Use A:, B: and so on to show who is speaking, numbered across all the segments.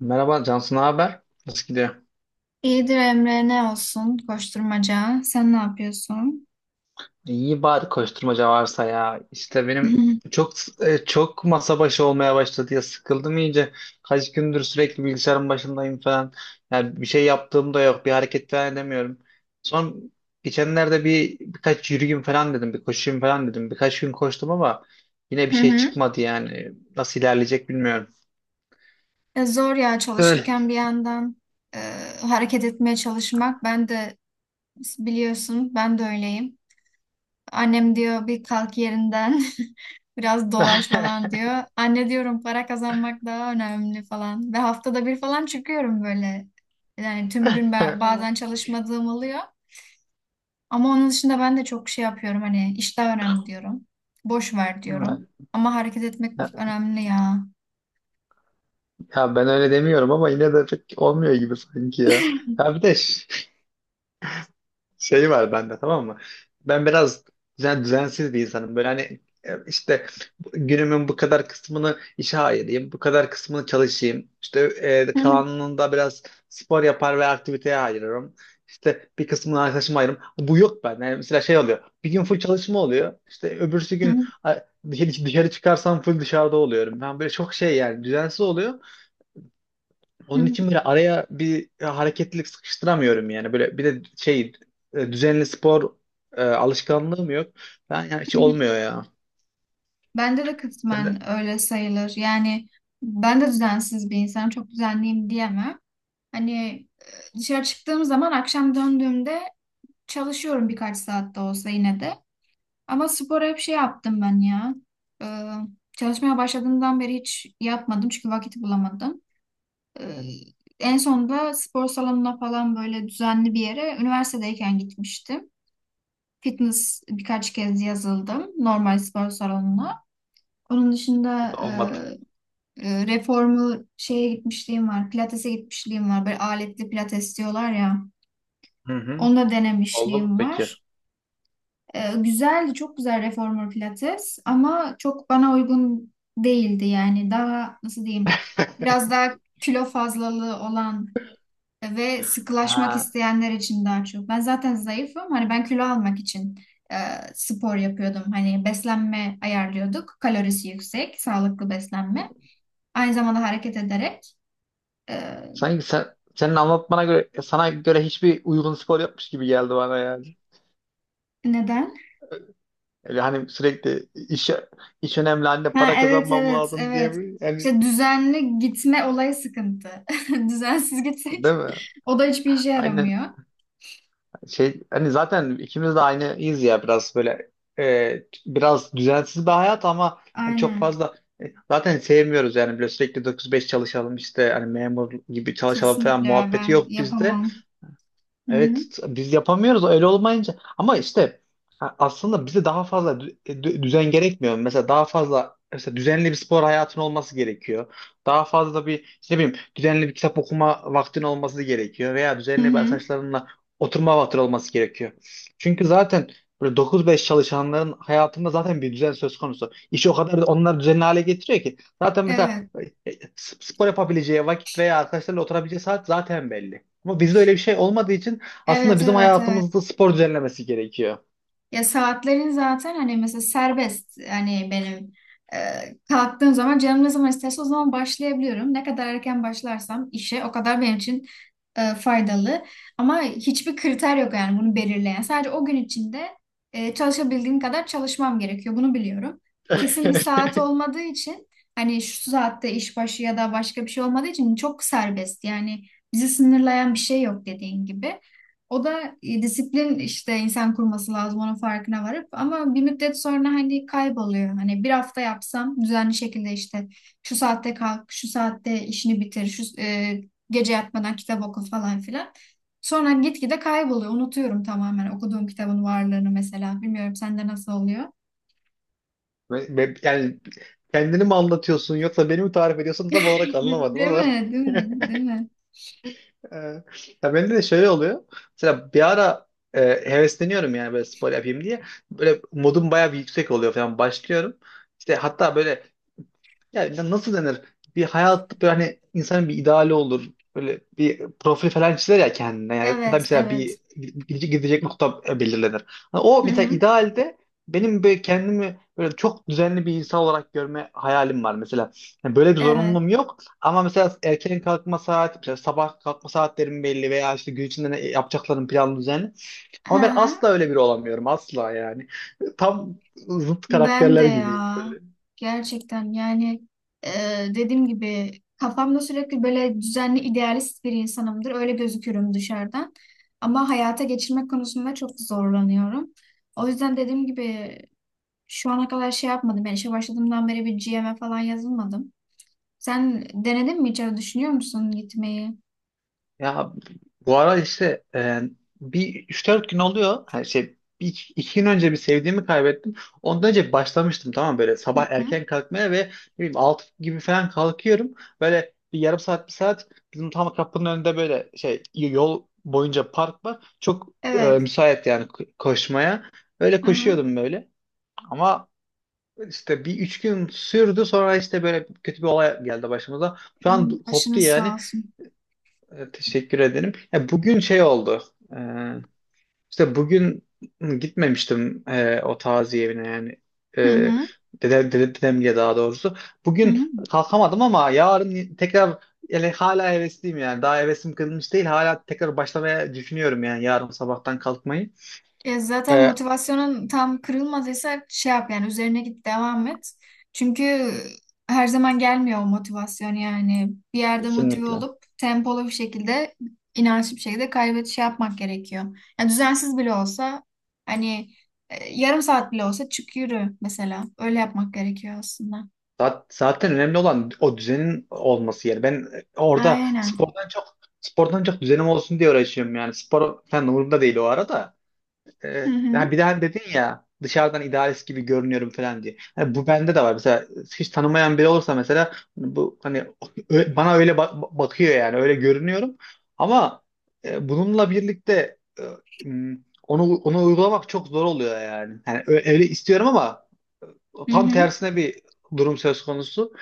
A: Merhaba Cansu, ne haber? Nasıl gidiyor?
B: İyidir Emre ne olsun koşturmaca. Sen ne yapıyorsun?
A: İyi bari koşturmaca varsa ya. İşte benim
B: Hı
A: çok çok masa başı olmaya başladı ya, sıkıldım iyice. Kaç gündür sürekli bilgisayarın başındayım falan. Yani bir şey yaptığım da yok, bir hareket falan edemiyorum. Son geçenlerde birkaç yürüyeyim falan dedim, bir koşayım falan dedim. Birkaç gün koştum ama yine bir şey
B: hı.
A: çıkmadı yani. Nasıl ilerleyecek bilmiyorum.
B: Zor ya
A: Öyle.
B: çalışırken bir yandan e, hareket etmeye çalışmak. Ben de biliyorsun ben de öyleyim. Annem diyor bir kalk yerinden biraz dolaş falan diyor. Anne diyorum para kazanmak daha önemli falan. Ve haftada bir falan çıkıyorum böyle. Yani tüm gün ben, bazen çalışmadığım oluyor. Ama onun dışında ben de çok şey yapıyorum hani iş daha önemli diyorum. Boş ver diyorum. Ama hareket etmek
A: Evet.
B: önemli ya.
A: Ya ben öyle demiyorum ama yine de pek olmuyor gibi sanki ya. Ya bir de şey var bende, tamam mı? Ben biraz düzensiz bir insanım. Böyle hani işte günümün bu kadar kısmını işe ayırayım, bu kadar kısmını çalışayım. İşte kalanında biraz spor yapar ve aktiviteye ayırırım. İşte bir kısmını arkadaşıma ayırırım. Bu yok bende. Yani mesela şey oluyor. Bir gün full çalışma oluyor. İşte öbürsü gün dışarı dışarı çıkarsam full dışarıda oluyorum. Ben böyle çok şey yani düzensiz oluyor. Onun için böyle araya bir hareketlilik sıkıştıramıyorum yani. Böyle bir de şey düzenli spor alışkanlığım yok. Ben yani hiç olmuyor ya.
B: Bende de
A: Sen de.
B: kısmen öyle sayılır. Yani ben de düzensiz bir insanım. Çok düzenliyim diyemem. Hani dışarı çıktığım zaman akşam döndüğümde çalışıyorum birkaç saat de olsa yine de. Ama spora hep şey yaptım ben ya. Ee, çalışmaya başladığımdan beri hiç yapmadım çünkü vakit bulamadım. Ee, en sonunda spor salonuna falan böyle düzenli bir yere üniversitedeyken gitmiştim. Fitness birkaç kez yazıldım normal spor salonuna. Onun
A: O
B: dışında
A: da olmadı.
B: reformu şeye gitmişliğim var. Pilates'e gitmişliğim var. Böyle aletli pilates diyorlar ya.
A: Hı hı.
B: Onu da
A: Oldu mu
B: denemişliğim
A: peki?
B: var. E, güzeldi, çok güzel reformer pilates ama çok bana uygun değildi yani. Daha nasıl diyeyim? Biraz daha kilo fazlalığı olan ve sıkılaşmak
A: Ha,
B: isteyenler için daha çok. Ben zaten zayıfım. Hani ben kilo almak için e, spor yapıyordum. Hani beslenme ayarlıyorduk. Kalorisi yüksek, sağlıklı beslenme. Aynı zamanda hareket ederek. e,
A: sanki senin anlatmana göre sana göre hiçbir uygun spor yapmış gibi geldi bana yani.
B: Neden?
A: Öyle hani sürekli iş iş önemli, anne
B: Ha,
A: para
B: evet
A: kazanmam
B: evet
A: lazım diye
B: evet.
A: bir yani,
B: İşte düzenli gitme olayı sıkıntı. Düzensiz
A: değil
B: gitsek
A: mi?
B: o da hiçbir işe
A: Aynen.
B: yaramıyor.
A: Şey hani zaten ikimiz de aynıyız ya, biraz böyle biraz düzensiz bir hayat ama hani çok
B: Aynen.
A: fazla e, zaten sevmiyoruz yani, böyle sürekli 9-5 çalışalım işte, hani memur gibi çalışalım falan
B: Kesinlikle
A: muhabbeti
B: ben
A: yok bizde.
B: yapamam. Hı hı.
A: Evet, biz yapamıyoruz öyle olmayınca, ama işte ha, aslında bize daha fazla düzen gerekmiyor. Mesela daha fazla mesela düzenli bir spor hayatın olması gerekiyor. Daha fazla bir işte ne bileyim düzenli bir kitap okuma vaktin olması gerekiyor veya
B: Hı
A: düzenli bir
B: hı.
A: arkadaşlarınla oturma vaktin olması gerekiyor. Çünkü zaten böyle 9-5 çalışanların hayatında zaten bir düzen söz konusu. İşi o kadar onlar düzenli hale getiriyor ki zaten mesela
B: Evet.
A: spor yapabileceği vakit veya arkadaşlarla oturabileceği saat zaten belli. Ama bizde öyle bir şey olmadığı için aslında
B: Evet
A: bizim
B: evet evet.
A: hayatımızda spor düzenlemesi gerekiyor.
B: Ya saatlerin zaten hani mesela serbest, hani benim e, kalktığım zaman canım ne zaman isterse o zaman başlayabiliyorum. Ne kadar erken başlarsam işe o kadar benim için faydalı. Ama hiçbir kriter yok yani bunu belirleyen. Sadece o gün içinde çalışabildiğim kadar çalışmam gerekiyor. Bunu biliyorum. Kesin bir saat olmadığı için hani şu saatte iş başı ya da başka bir şey olmadığı için çok serbest. Yani bizi sınırlayan bir şey yok dediğin gibi. O da disiplin işte, insan kurması lazım onun farkına varıp, ama bir müddet sonra hani kayboluyor. Hani bir hafta yapsam düzenli şekilde, işte şu saatte kalk, şu saatte işini bitir, şu gece yatmadan kitap oku falan filan. Sonra gitgide kayboluyor. Unutuyorum tamamen okuduğum kitabın varlığını mesela. Bilmiyorum sende nasıl oluyor?
A: Yani kendini mi anlatıyorsun yoksa beni mi tarif ediyorsun, tam olarak anlamadım
B: Değil
A: ama.
B: mi? Değil mi? Değil mi?
A: Ee, Ya bende de şöyle oluyor. Mesela bir ara e, hevesleniyorum yani, böyle spor yapayım diye. Böyle modum bayağı bir yüksek oluyor falan, başlıyorum. İşte hatta böyle, yani nasıl denir? Bir hayat böyle, hani insanın bir ideali olur. Böyle bir profil falan çizer ya kendine. Yani ya da
B: Evet,
A: mesela bir
B: evet.
A: gidecek nokta belirlenir. Hani o
B: Hı
A: mesela
B: hı.
A: idealde benim böyle kendimi böyle çok düzenli bir insan olarak görme hayalim var mesela. Yani böyle bir
B: Evet.
A: zorunluluğum yok ama mesela erken kalkma saat, mesela sabah kalkma saatlerim belli veya işte gün içinde ne yapacaklarım planlı, düzenli.
B: Hı
A: Ama ben
B: hı.
A: asla öyle biri olamıyorum, asla yani. Tam zıt
B: Ben de
A: karakterler gibiyim.
B: ya, gerçekten yani, e, dediğim gibi kafamda sürekli böyle düzenli idealist bir insanımdır. Öyle gözükürüm dışarıdan. Ama hayata geçirmek konusunda çok zorlanıyorum. O yüzden dediğim gibi şu ana kadar şey yapmadım. Yani işe başladığımdan beri bir GM'e falan yazılmadım. Sen denedin mi hiç? Öyle düşünüyor musun gitmeyi?
A: Ya bu ara işte bir üç dört gün oluyor. Her şey bir, iki gün önce bir sevdiğimi kaybettim. Ondan önce başlamıştım, tamam mı? Böyle
B: Hı
A: sabah
B: hı.
A: erken kalkmaya ve ne bileyim 6 gibi falan kalkıyorum. Böyle bir yarım saat, bir saat, bizim tam kapının önünde böyle şey, yol boyunca park var. Çok
B: Evet.
A: müsait yani koşmaya. Öyle
B: Hı hı.
A: koşuyordum böyle. Ama işte bir üç gün sürdü, sonra işte böyle kötü bir olay geldi başımıza. Şu an
B: Hmm,
A: koptu
B: başınız sağ
A: yani.
B: olsun.
A: Teşekkür ederim. Ya bugün şey oldu. E, işte bugün gitmemiştim o taziye evine yani. E,
B: Hı hı.
A: dedem diye, daha doğrusu.
B: Hı
A: Bugün
B: hı.
A: kalkamadım ama yarın tekrar, yani hala hevesliyim yani. Daha hevesim kırılmış değil. Hala tekrar başlamaya düşünüyorum yani, yarın sabahtan kalkmayı.
B: Ya zaten
A: E,
B: motivasyonun tam kırılmadıysa şey yap yani, üzerine git, devam et. Çünkü her zaman gelmiyor o motivasyon yani. Bir yerde motive
A: kesinlikle.
B: olup tempolu bir şekilde, inançlı bir şekilde kaybet şey yapmak gerekiyor. Yani düzensiz bile olsa hani yarım saat bile olsa çık yürü mesela. Öyle yapmak gerekiyor aslında.
A: Zaten önemli olan o düzenin olması yani. Ben orada
B: Aynen.
A: spordan çok düzenim olsun diye uğraşıyorum yani. Spor falan umurumda değil o arada.
B: Hı
A: Ya
B: hı.
A: bir de hani dedin ya dışarıdan idealist gibi görünüyorum falan diye. Hani bu bende de var. Mesela hiç tanımayan biri olursa mesela, hani bu hani bana öyle bakıyor yani, öyle görünüyorum. Ama bununla birlikte m, onu uygulamak çok zor oluyor yani. Yani öyle istiyorum ama
B: Hı
A: tam
B: hı.
A: tersine bir durum söz konusu.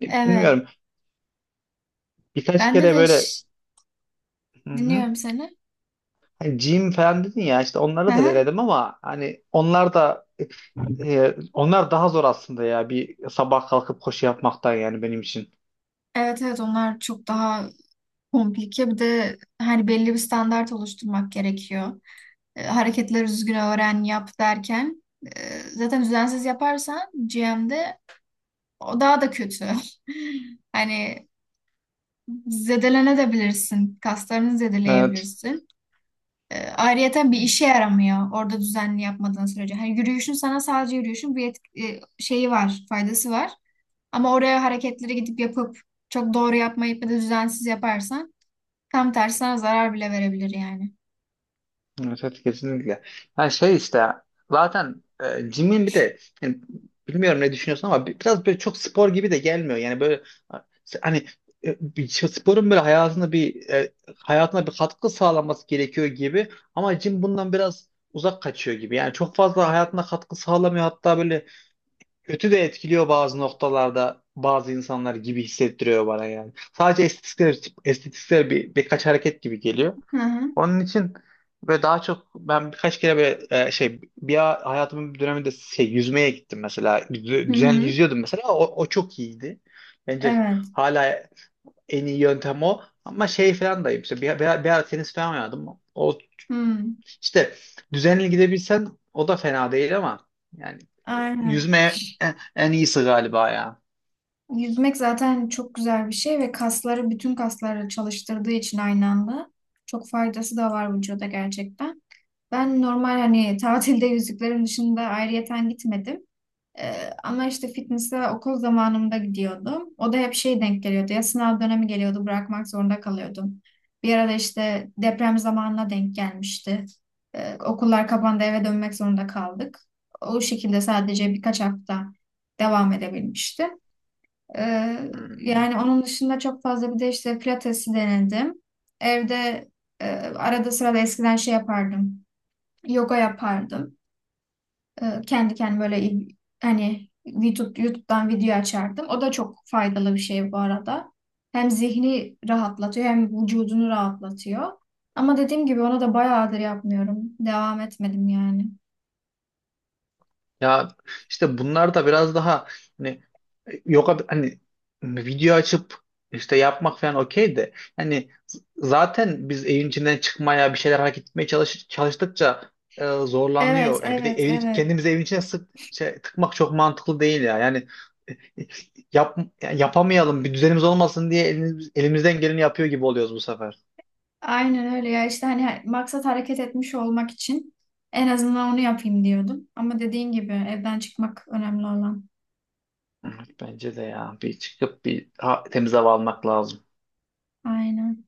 A: Hani
B: Evet.
A: bilmiyorum. Birkaç
B: Bende
A: kere
B: de
A: böyle hı hı.
B: dinliyorum seni.
A: Hani gym falan dedin ya, işte
B: Hı
A: onları da
B: hı.
A: denedim ama hani onlar da onlar daha zor aslında ya, bir sabah kalkıp koşu yapmaktan, yani benim için.
B: Evet evet, onlar çok daha komplike, bir de hani belli bir standart oluşturmak gerekiyor. E, hareketleri düzgün öğren, yap derken zaten düzensiz yaparsan GM'de o daha da kötü. Hani zedelenebilirsin, kaslarını
A: Evet.
B: zedeleyebilirsin. E, ayrıyeten bir işe yaramıyor orada düzenli yapmadığın sürece. Hani yürüyüşün sana, sadece yürüyüşün bir şeyi var, faydası var. Ama oraya hareketleri gidip yapıp çok doğru yapmayıp ya da düzensiz yaparsan, tam tersi sana zarar bile verebilir yani.
A: Evet, evet, kesinlikle. Yani şey, işte zaten gym'in bir de yani, bilmiyorum ne düşünüyorsun ama biraz böyle çok spor gibi de gelmiyor. Yani böyle hani bir şey- sporun böyle hayatına bir katkı sağlaması gerekiyor gibi, ama gym bundan biraz uzak kaçıyor gibi. Yani çok fazla hayatına katkı sağlamıyor. Hatta böyle kötü de etkiliyor bazı noktalarda, bazı insanlar gibi hissettiriyor bana yani. Sadece estetiksel birkaç hareket gibi geliyor.
B: Hı hı.
A: Onun için böyle daha çok, ben birkaç kere böyle şey, bir hayatımın bir döneminde şey, yüzmeye gittim mesela.
B: Hı
A: Düzenli
B: hı.
A: yüzüyordum mesela. O çok iyiydi. Bence
B: Evet.
A: hala en iyi yöntem o. Ama şey falan dayım, işte bir ara tenis falan oynadım. O
B: Hı.
A: işte düzenli gidebilsen o da fena değil ama yani
B: Aynen.
A: yüzme en iyisi galiba ya.
B: Yüzmek zaten çok güzel bir şey ve kasları, bütün kasları çalıştırdığı için aynı anda çok faydası da var vücuda gerçekten. Ben normal hani tatilde yüzüklerim dışında ayrıyeten gitmedim. Ama işte fitness'e okul zamanımda gidiyordum. O da hep şey denk geliyordu. Ya sınav dönemi geliyordu, bırakmak zorunda kalıyordum. Bir arada işte deprem zamanına denk gelmişti. Okullar kapandı, eve dönmek zorunda kaldık. O şekilde sadece birkaç hafta devam edebilmişti. Ee,
A: Hmm.
B: yani onun dışında çok fazla, bir de işte pilatesi denedim. Evde arada sırada eskiden şey yapardım. Yoga yapardım. E, kendi kendime böyle hani YouTube'dan video açardım. O da çok faydalı bir şey bu arada. Hem zihni rahatlatıyor hem vücudunu rahatlatıyor. Ama dediğim gibi ona da bayağıdır yapmıyorum. Devam etmedim yani.
A: Ya işte bunlar da biraz daha hani, yok hani video açıp işte yapmak falan okey de, hani zaten biz evin içinden çıkmaya, bir şeyler hareket etmeye çalıştıkça
B: Evet,
A: zorlanıyor. Yani bir de
B: evet, evet.
A: kendimizi evin içine sık tıkmak çok mantıklı değil ya. Yani e, e, yani yapamayalım, bir düzenimiz olmasın diye elimizden geleni yapıyor gibi oluyoruz bu sefer.
B: Aynen öyle ya, işte hani maksat hareket etmiş olmak için en azından onu yapayım diyordum. Ama dediğin gibi evden çıkmak önemli olan.
A: Evet, bence de ya, bir çıkıp bir temiz hava almak lazım.
B: Aynen.